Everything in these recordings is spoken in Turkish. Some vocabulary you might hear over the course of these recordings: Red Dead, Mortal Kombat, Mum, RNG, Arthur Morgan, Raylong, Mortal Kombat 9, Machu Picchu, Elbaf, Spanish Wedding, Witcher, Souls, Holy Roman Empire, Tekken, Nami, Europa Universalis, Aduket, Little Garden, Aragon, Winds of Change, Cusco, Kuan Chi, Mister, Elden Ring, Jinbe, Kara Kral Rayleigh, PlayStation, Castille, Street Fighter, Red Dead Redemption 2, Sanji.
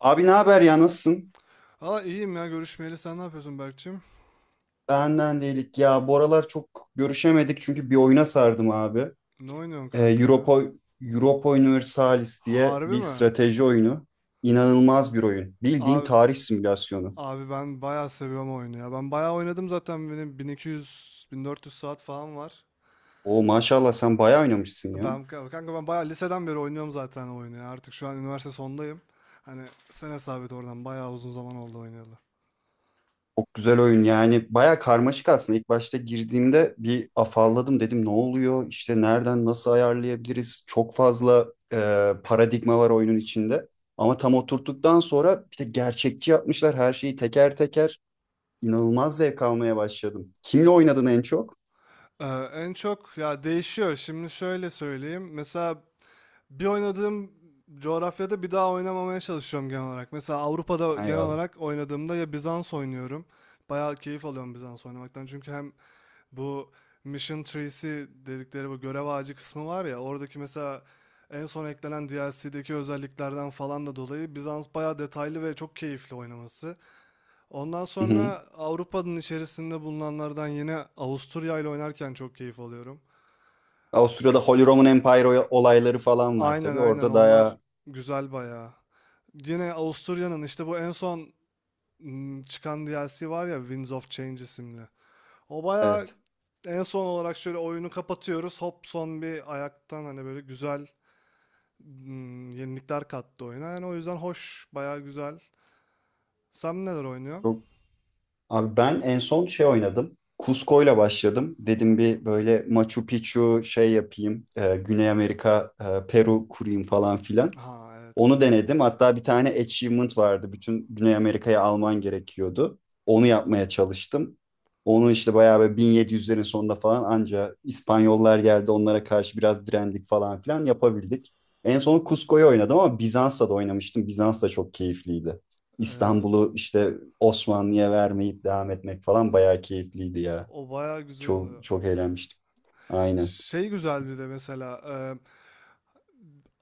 Abi, ne haber ya, nasılsın? Hala iyiyim ya görüşmeyeli. Sen ne yapıyorsun Berkçim? Benden değilik ya. Bu aralar çok görüşemedik çünkü bir oyuna sardım abi. Ne oynuyorsun kanka ya? Europa, Europa Universalis diye Harbi bir mi? strateji oyunu. İnanılmaz bir oyun. Bildiğin Abi, tarih simülasyonu. abi, ben bayağı seviyorum oyunu ya. Ben bayağı oynadım zaten benim 1200-1400 saat falan var. O maşallah, sen bayağı oynamışsın ya. Kanka ben bayağı liseden beri oynuyorum zaten o oyunu ya. Artık şu an üniversite sondayım. Hani sen hesap et oradan bayağı uzun zaman oldu oynayalı. Çok güzel oyun yani, baya karmaşık aslında. İlk başta girdiğimde bir afalladım, dedim ne oluyor işte, nereden nasıl ayarlayabiliriz, çok fazla paradigma var oyunun içinde, ama tam oturttuktan sonra, bir de gerçekçi yapmışlar her şeyi teker teker, inanılmaz zevk almaya başladım. Kimle oynadın en çok? Ee, En çok ya değişiyor. Şimdi şöyle söyleyeyim. Mesela bir oynadığım coğrafyada bir daha oynamamaya çalışıyorum genel olarak. Mesela Avrupa'da Ha, genel eyvallah. olarak oynadığımda ya Bizans oynuyorum. Bayağı keyif alıyorum Bizans oynamaktan. Çünkü hem bu Mission Trees'i dedikleri bu görev ağacı kısmı var ya oradaki, mesela en son eklenen DLC'deki özelliklerden falan da dolayı Bizans bayağı detaylı ve çok keyifli oynaması. Ondan Hı hı. sonra Avrupa'nın içerisinde bulunanlardan yine Avusturya ile oynarken çok keyif alıyorum. O sırada Holy Roman Empire olayları falan var Aynen tabii aynen orada. onlar Daha güzel bayağı. Yine Avusturya'nın işte bu en son çıkan DLC var ya Winds of Change isimli. O bayağı evet, en son olarak şöyle oyunu kapatıyoruz. Hop son bir ayaktan hani böyle güzel yenilikler kattı oyuna. Yani o yüzden hoş, bayağı güzel. Sen neler oynuyorsun? çok. Abi, ben en son şey oynadım. Cusco'yla başladım. Ha, Dedim bir böyle Machu Picchu şey yapayım. Güney Amerika, Peru kurayım falan filan. ha, evet, Onu güzel. denedim. Hatta bir tane achievement vardı. Bütün Güney Amerika'ya alman gerekiyordu. Onu yapmaya çalıştım. Onu işte bayağı böyle 1700'lerin sonunda falan anca İspanyollar geldi, onlara karşı biraz direndik falan filan yapabildik. En son Cusco'yu oynadım ama Bizans'ta da oynamıştım. Bizans da çok keyifliydi. Evet. İstanbul'u işte Osmanlı'ya vermeyip devam etmek falan bayağı keyifliydi ya. O bayağı güzel oluyor. Çok çok eğlenmiştim. Aynen. Şey, güzel bir de mesela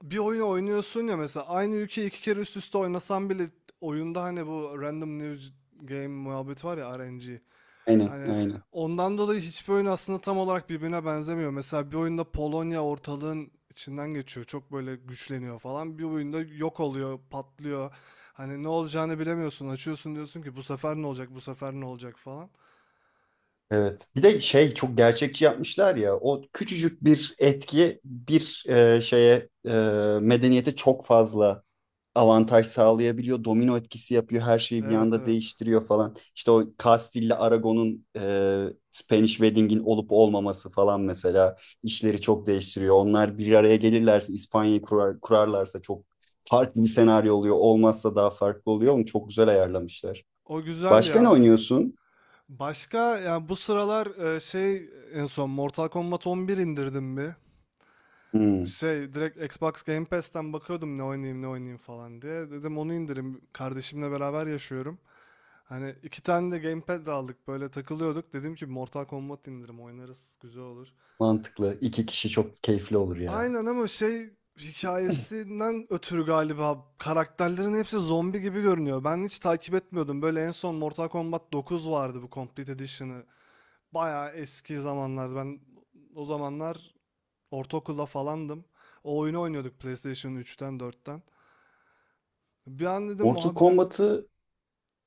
bir oyunu oynuyorsun ya, mesela aynı ülkeyi iki kere üst üste oynasan bile oyunda hani bu random new game muhabbeti var ya, RNG. Aynen, Hani aynen. ondan dolayı hiçbir oyun aslında tam olarak birbirine benzemiyor. Mesela bir oyunda Polonya ortalığın içinden geçiyor. Çok böyle güçleniyor falan. Bir oyunda yok oluyor, patlıyor. Hani ne olacağını bilemiyorsun. Açıyorsun diyorsun ki bu sefer ne olacak, bu sefer ne olacak falan. Evet. Bir de şey, çok gerçekçi yapmışlar ya. O küçücük bir etki bir şeye medeniyete çok fazla avantaj sağlayabiliyor. Domino etkisi yapıyor. Her şeyi bir Evet, anda evet. değiştiriyor falan. İşte o Castille'le Aragon'un Spanish Wedding'in olup olmaması falan mesela işleri çok değiştiriyor. Onlar bir araya gelirlerse İspanya'yı kurar, kurarlarsa çok farklı bir senaryo oluyor. Olmazsa daha farklı oluyor. Onu çok güzel ayarlamışlar. O güzel Başka ne ya. oynuyorsun? Başka yani bu sıralar şey, en son Mortal Kombat 11 indirdim bir. Hmm, Şey, direkt Xbox Game Pass'ten bakıyordum ne oynayayım ne oynayayım falan diye. Dedim onu indireyim. Kardeşimle beraber yaşıyorum. Hani iki tane de gamepad de aldık, böyle takılıyorduk. Dedim ki Mortal Kombat indirim oynarız, güzel olur. mantıklı. İki kişi çok keyifli olur ya. Aynen, ama şey, hikayesinden ötürü galiba karakterlerin hepsi zombi gibi görünüyor. Ben hiç takip etmiyordum. Böyle en son Mortal Kombat 9 vardı, bu Complete Edition'ı. Bayağı eski zamanlar. Ben o zamanlar ortaokulda falandım. O oyunu oynuyorduk PlayStation 3'ten, 4'ten. Bir an dedim Mortal oha, dedim. Kombat'ı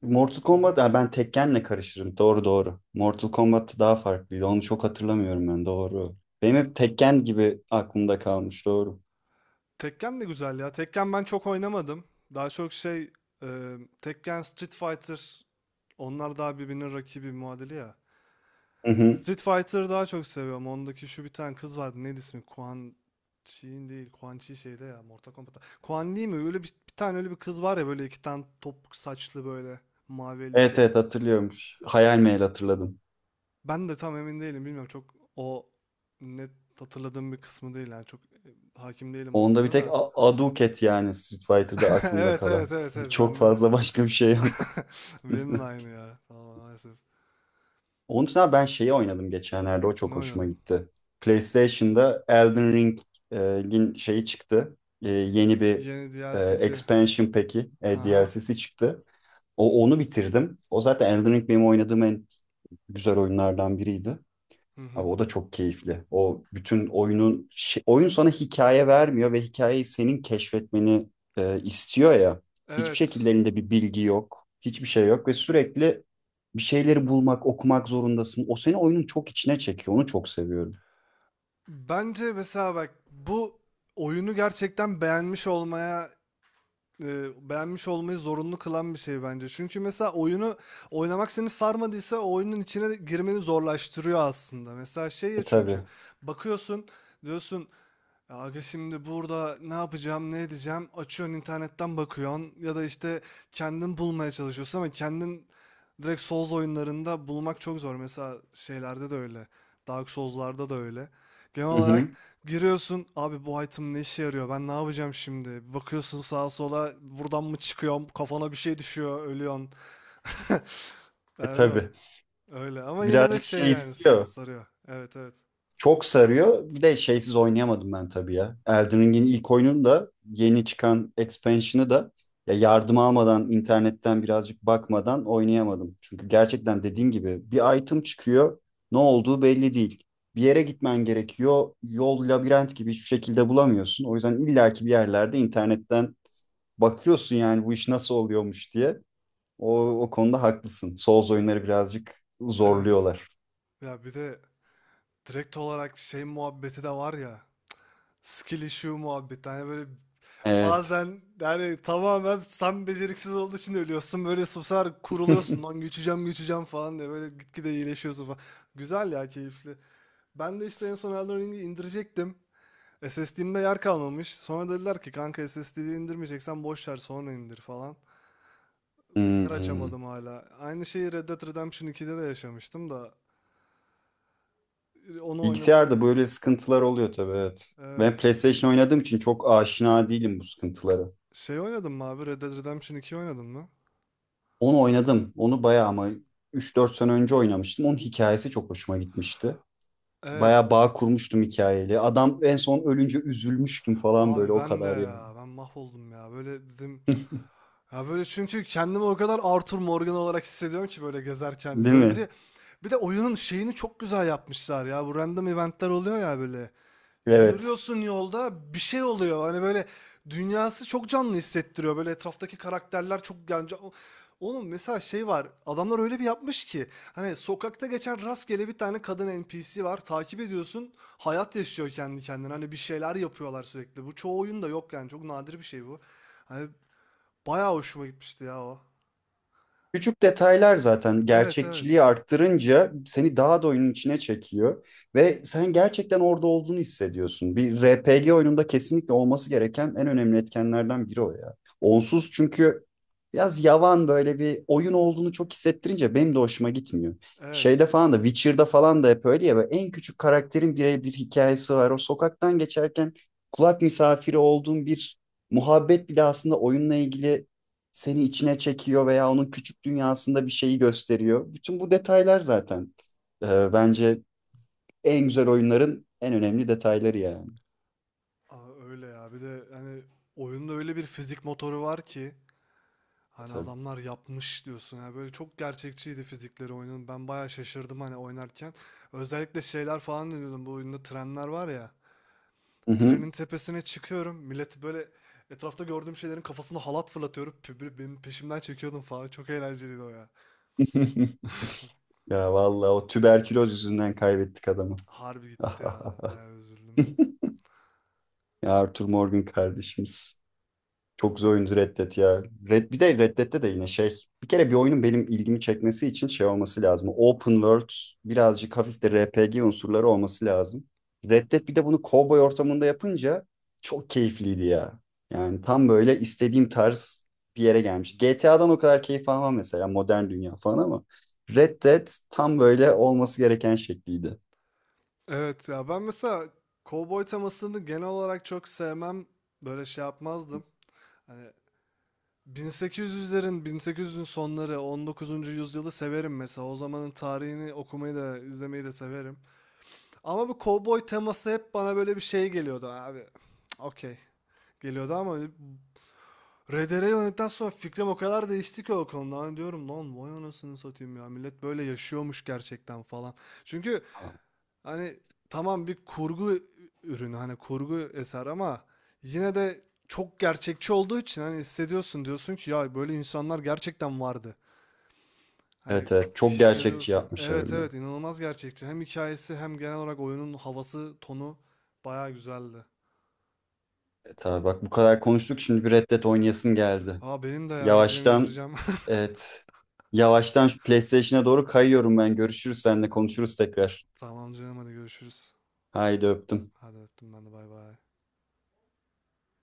Mortal Hı Kombat, hı. ha, ben Tekken'le karıştırdım. Doğru doğru. Mortal Kombat daha farklıydı. Onu çok hatırlamıyorum ben. Doğru. Benim hep Tekken gibi aklımda kalmış. Doğru. Tekken de güzel ya. Tekken ben çok oynamadım. Daha çok şey, Tekken, Street Fighter, onlar daha birbirinin rakibi, muadili ya. Hı hı. Street Fighter'ı daha çok seviyorum. Ondaki şu bir tane kız vardı. Neydi ismi? Kuan Chi'in değil. Kuan Chi şeyde ya. Mortal Kombat'ta. Kuan Li mi? Öyle bir tane öyle bir kız var ya, böyle iki tane topuk saçlı, böyle mavi Evet elbiseli. evet, hatırlıyorum. Hayal meyal hatırladım. Ben de tam emin değilim. Bilmiyorum, çok o net hatırladığım bir kısmı değil yani. Çok hakim değilim o Onda bir oyuna tek da. Aduket yani, Street Fighter'da aklımda Evet evet kalan. evet evet Çok bende de. fazla başka bir şey yok. Benim de aynı ya. Tamam, maalesef. Onun için abi, ben şeyi oynadım geçenlerde. O Ne çok hoşuma oynadın? gitti. PlayStation'da Elden Ring'in şeyi çıktı. Yeni bir Yeni e, DLC'si. expansion peki. E, Haha. DLC'si çıktı. Onu bitirdim. O zaten Elden Ring benim oynadığım en güzel oyunlardan biriydi. Hı hı. Abi, o da çok keyifli. O bütün oyunun oyun sana hikaye vermiyor ve hikayeyi senin keşfetmeni istiyor ya. Hiçbir Evet. şekilde elinde bir bilgi yok. Hiçbir şey yok ve sürekli bir şeyleri bulmak, okumak zorundasın. O seni oyunun çok içine çekiyor. Onu çok seviyorum. Bence mesela bak, bu oyunu gerçekten beğenmiş olmaya e, beğenmiş olmayı zorunlu kılan bir şey bence. Çünkü mesela oyunu oynamak seni sarmadıysa o oyunun içine girmeni zorlaştırıyor aslında. Mesela şey ya, E tabii. çünkü bakıyorsun, diyorsun, ya aga şimdi burada ne yapacağım, ne edeceğim? Açıyorsun internetten bakıyorsun ya da işte kendin bulmaya çalışıyorsun, ama kendin direkt Souls oyunlarında bulmak çok zor. Mesela şeylerde de öyle. Dark Souls'larda da öyle. Genel Hı hı. olarak giriyorsun, abi bu item ne işe yarıyor? Ben ne yapacağım şimdi? Bir bakıyorsun sağa sola, buradan mı çıkıyorum? Kafana bir şey düşüyor, ölüyorsun. E Ben tabii. bilmiyorum. Öyle, ama yine de Birazcık şey şey yani, istiyor. sarıyor. Evet, evet. Çok sarıyor. Bir de şeysiz oynayamadım ben tabii ya. Elden Ring'in ilk oyununu da, yeni çıkan expansion'ı da ya, yardım almadan, internetten birazcık bakmadan oynayamadım. Çünkü gerçekten dediğin gibi bir item çıkıyor, ne olduğu belli değil. Bir yere gitmen gerekiyor. Yol labirent gibi, hiçbir şekilde bulamıyorsun. O yüzden illaki bir yerlerde internetten bakıyorsun yani bu iş nasıl oluyormuş diye. O konuda haklısın. Souls oyunları birazcık Evet. zorluyorlar. Ya bir de direkt olarak şey muhabbeti de var ya. Skill issue muhabbeti. Hani böyle Evet. bazen yani tamamen sen beceriksiz olduğu için ölüyorsun. Böyle susar kuruluyorsun. Lan güçeceğim falan diye. Böyle gitgide iyileşiyorsun falan. Güzel ya, keyifli. Ben de işte en son Elden Ring'i indirecektim. SSD'imde yer kalmamış. Sonra dediler ki kanka SSD'yi indirmeyeceksen boş ver, sonra indir falan. Yer Hmm. açamadım hala. Aynı şeyi Red Dead Redemption 2'de de yaşamıştım da. Onu oynadım Bilgisayarda yine. böyle sıkıntılar oluyor tabii, evet. Ben Evet. PlayStation oynadığım için çok aşina değilim bu sıkıntılara. Şey, oynadın mı abi? Red Dead Redemption 2 oynadın mı? Onu oynadım. Onu bayağı ama üç dört sene önce oynamıştım. Onun hikayesi çok hoşuma gitmişti. Evet. Bayağı bağ kurmuştum hikayeyle. Adam en son ölünce üzülmüştüm falan, böyle Abi o ben de kadar yani. ya. Ben mahvoldum ya. Böyle dedim. Ya böyle, çünkü kendimi o kadar Arthur Morgan olarak hissediyorum ki böyle gezerken. Değil Böyle bir mi? de bir de oyunun şeyini çok güzel yapmışlar ya. Bu random eventler oluyor ya böyle. Evet. Yürüyorsun yolda bir şey oluyor. Hani böyle dünyası çok canlı hissettiriyor. Böyle etraftaki karakterler çok yani oğlum mesela şey var. Adamlar öyle bir yapmış ki hani sokakta geçen rastgele bir tane kadın NPC var. Takip ediyorsun. Hayat yaşıyor kendi kendine. Hani bir şeyler yapıyorlar sürekli. Bu çoğu oyunda yok yani. Çok nadir bir şey bu. Hani bayağı hoşuma gitmişti ya o. Küçük detaylar zaten Evet, evet. gerçekçiliği arttırınca seni daha da oyunun içine çekiyor ve sen gerçekten orada olduğunu hissediyorsun. Bir RPG oyununda kesinlikle olması gereken en önemli etkenlerden biri o ya. Onsuz çünkü biraz yavan, böyle bir oyun olduğunu çok hissettirince benim de hoşuma gitmiyor. Evet. Şeyde falan da, Witcher'da falan da hep öyle ya, böyle en küçük karakterin birebir hikayesi var. O sokaktan geçerken kulak misafiri olduğun bir muhabbet bile aslında oyunla ilgili seni içine çekiyor veya onun küçük dünyasında bir şeyi gösteriyor. Bütün bu detaylar zaten bence en güzel oyunların en önemli detayları yani. Aa, öyle ya. Bir de hani oyunda öyle bir fizik motoru var ki, hani Tabii. adamlar yapmış diyorsun ya, böyle çok gerçekçiydi fizikleri oyunun. Ben bayağı şaşırdım hani oynarken. Özellikle şeyler falan diyordum, bu oyunda trenler var ya. Hı hı. Trenin tepesine çıkıyorum. Milleti böyle etrafta gördüğüm şeylerin kafasına halat fırlatıyorum. Böyle benim peşimden çekiyordum falan. Çok eğlenceliydi o ya. Ya vallahi, o tüberküloz yüzünden kaybettik adamı. Harbi gitti ya. Bayağı üzüldüm. Ya, Arthur Morgan kardeşimiz. Çok güzel Aynen. oyundu Red Dead ya. Red, bir de Red Dead'de de yine şey. Bir kere bir oyunun benim ilgimi çekmesi için şey olması lazım. Open world, birazcık hafif de R P G unsurları olması lazım. Red Dead bir de bunu cowboy ortamında yapınca çok keyifliydi ya. Yani tam böyle istediğim tarz bir yere gelmiş. G T A'dan o kadar keyif almam mesela, modern dünya falan, ama Red Dead tam böyle olması gereken şekliydi. Evet ya, ben mesela kovboy temasını genel olarak çok sevmem. Böyle şey yapmazdım. Hani 1800'lerin, 1800'ün sonları, 19. yüzyılı severim mesela. O zamanın tarihini okumayı da, izlemeyi de severim. Ama bu kovboy teması hep bana böyle bir şey geliyordu abi. Cık, okey. Geliyordu ama RDR'yi oynadıktan sonra fikrim o kadar değişti ki o konuda. Hani diyorum lan vay anasını satayım ya. Millet böyle yaşıyormuş gerçekten falan. Çünkü hani tamam bir kurgu ürünü, hani kurgu eser, ama yine de çok gerçekçi olduğu için hani hissediyorsun, diyorsun ki ya böyle insanlar gerçekten vardı. Hani Evet evet, çok gerçekçi hissediyorsun. yapmışlar Evet, bir de. evet, inanılmaz gerçekçi. Hem hikayesi hem genel olarak oyunun havası, tonu bayağı güzeldi. Evet abi, bak bu kadar konuştuk, şimdi bir Red Dead oynayasım geldi. Aa, benim de ya, gideceğim Yavaştan, indireceğim. evet. Yavaştan şu PlayStation'a doğru kayıyorum ben. Görüşürüz, seninle konuşuruz tekrar. Tamam canım, hadi görüşürüz. Haydi öptüm. Hadi öptüm, ben de, bay bay.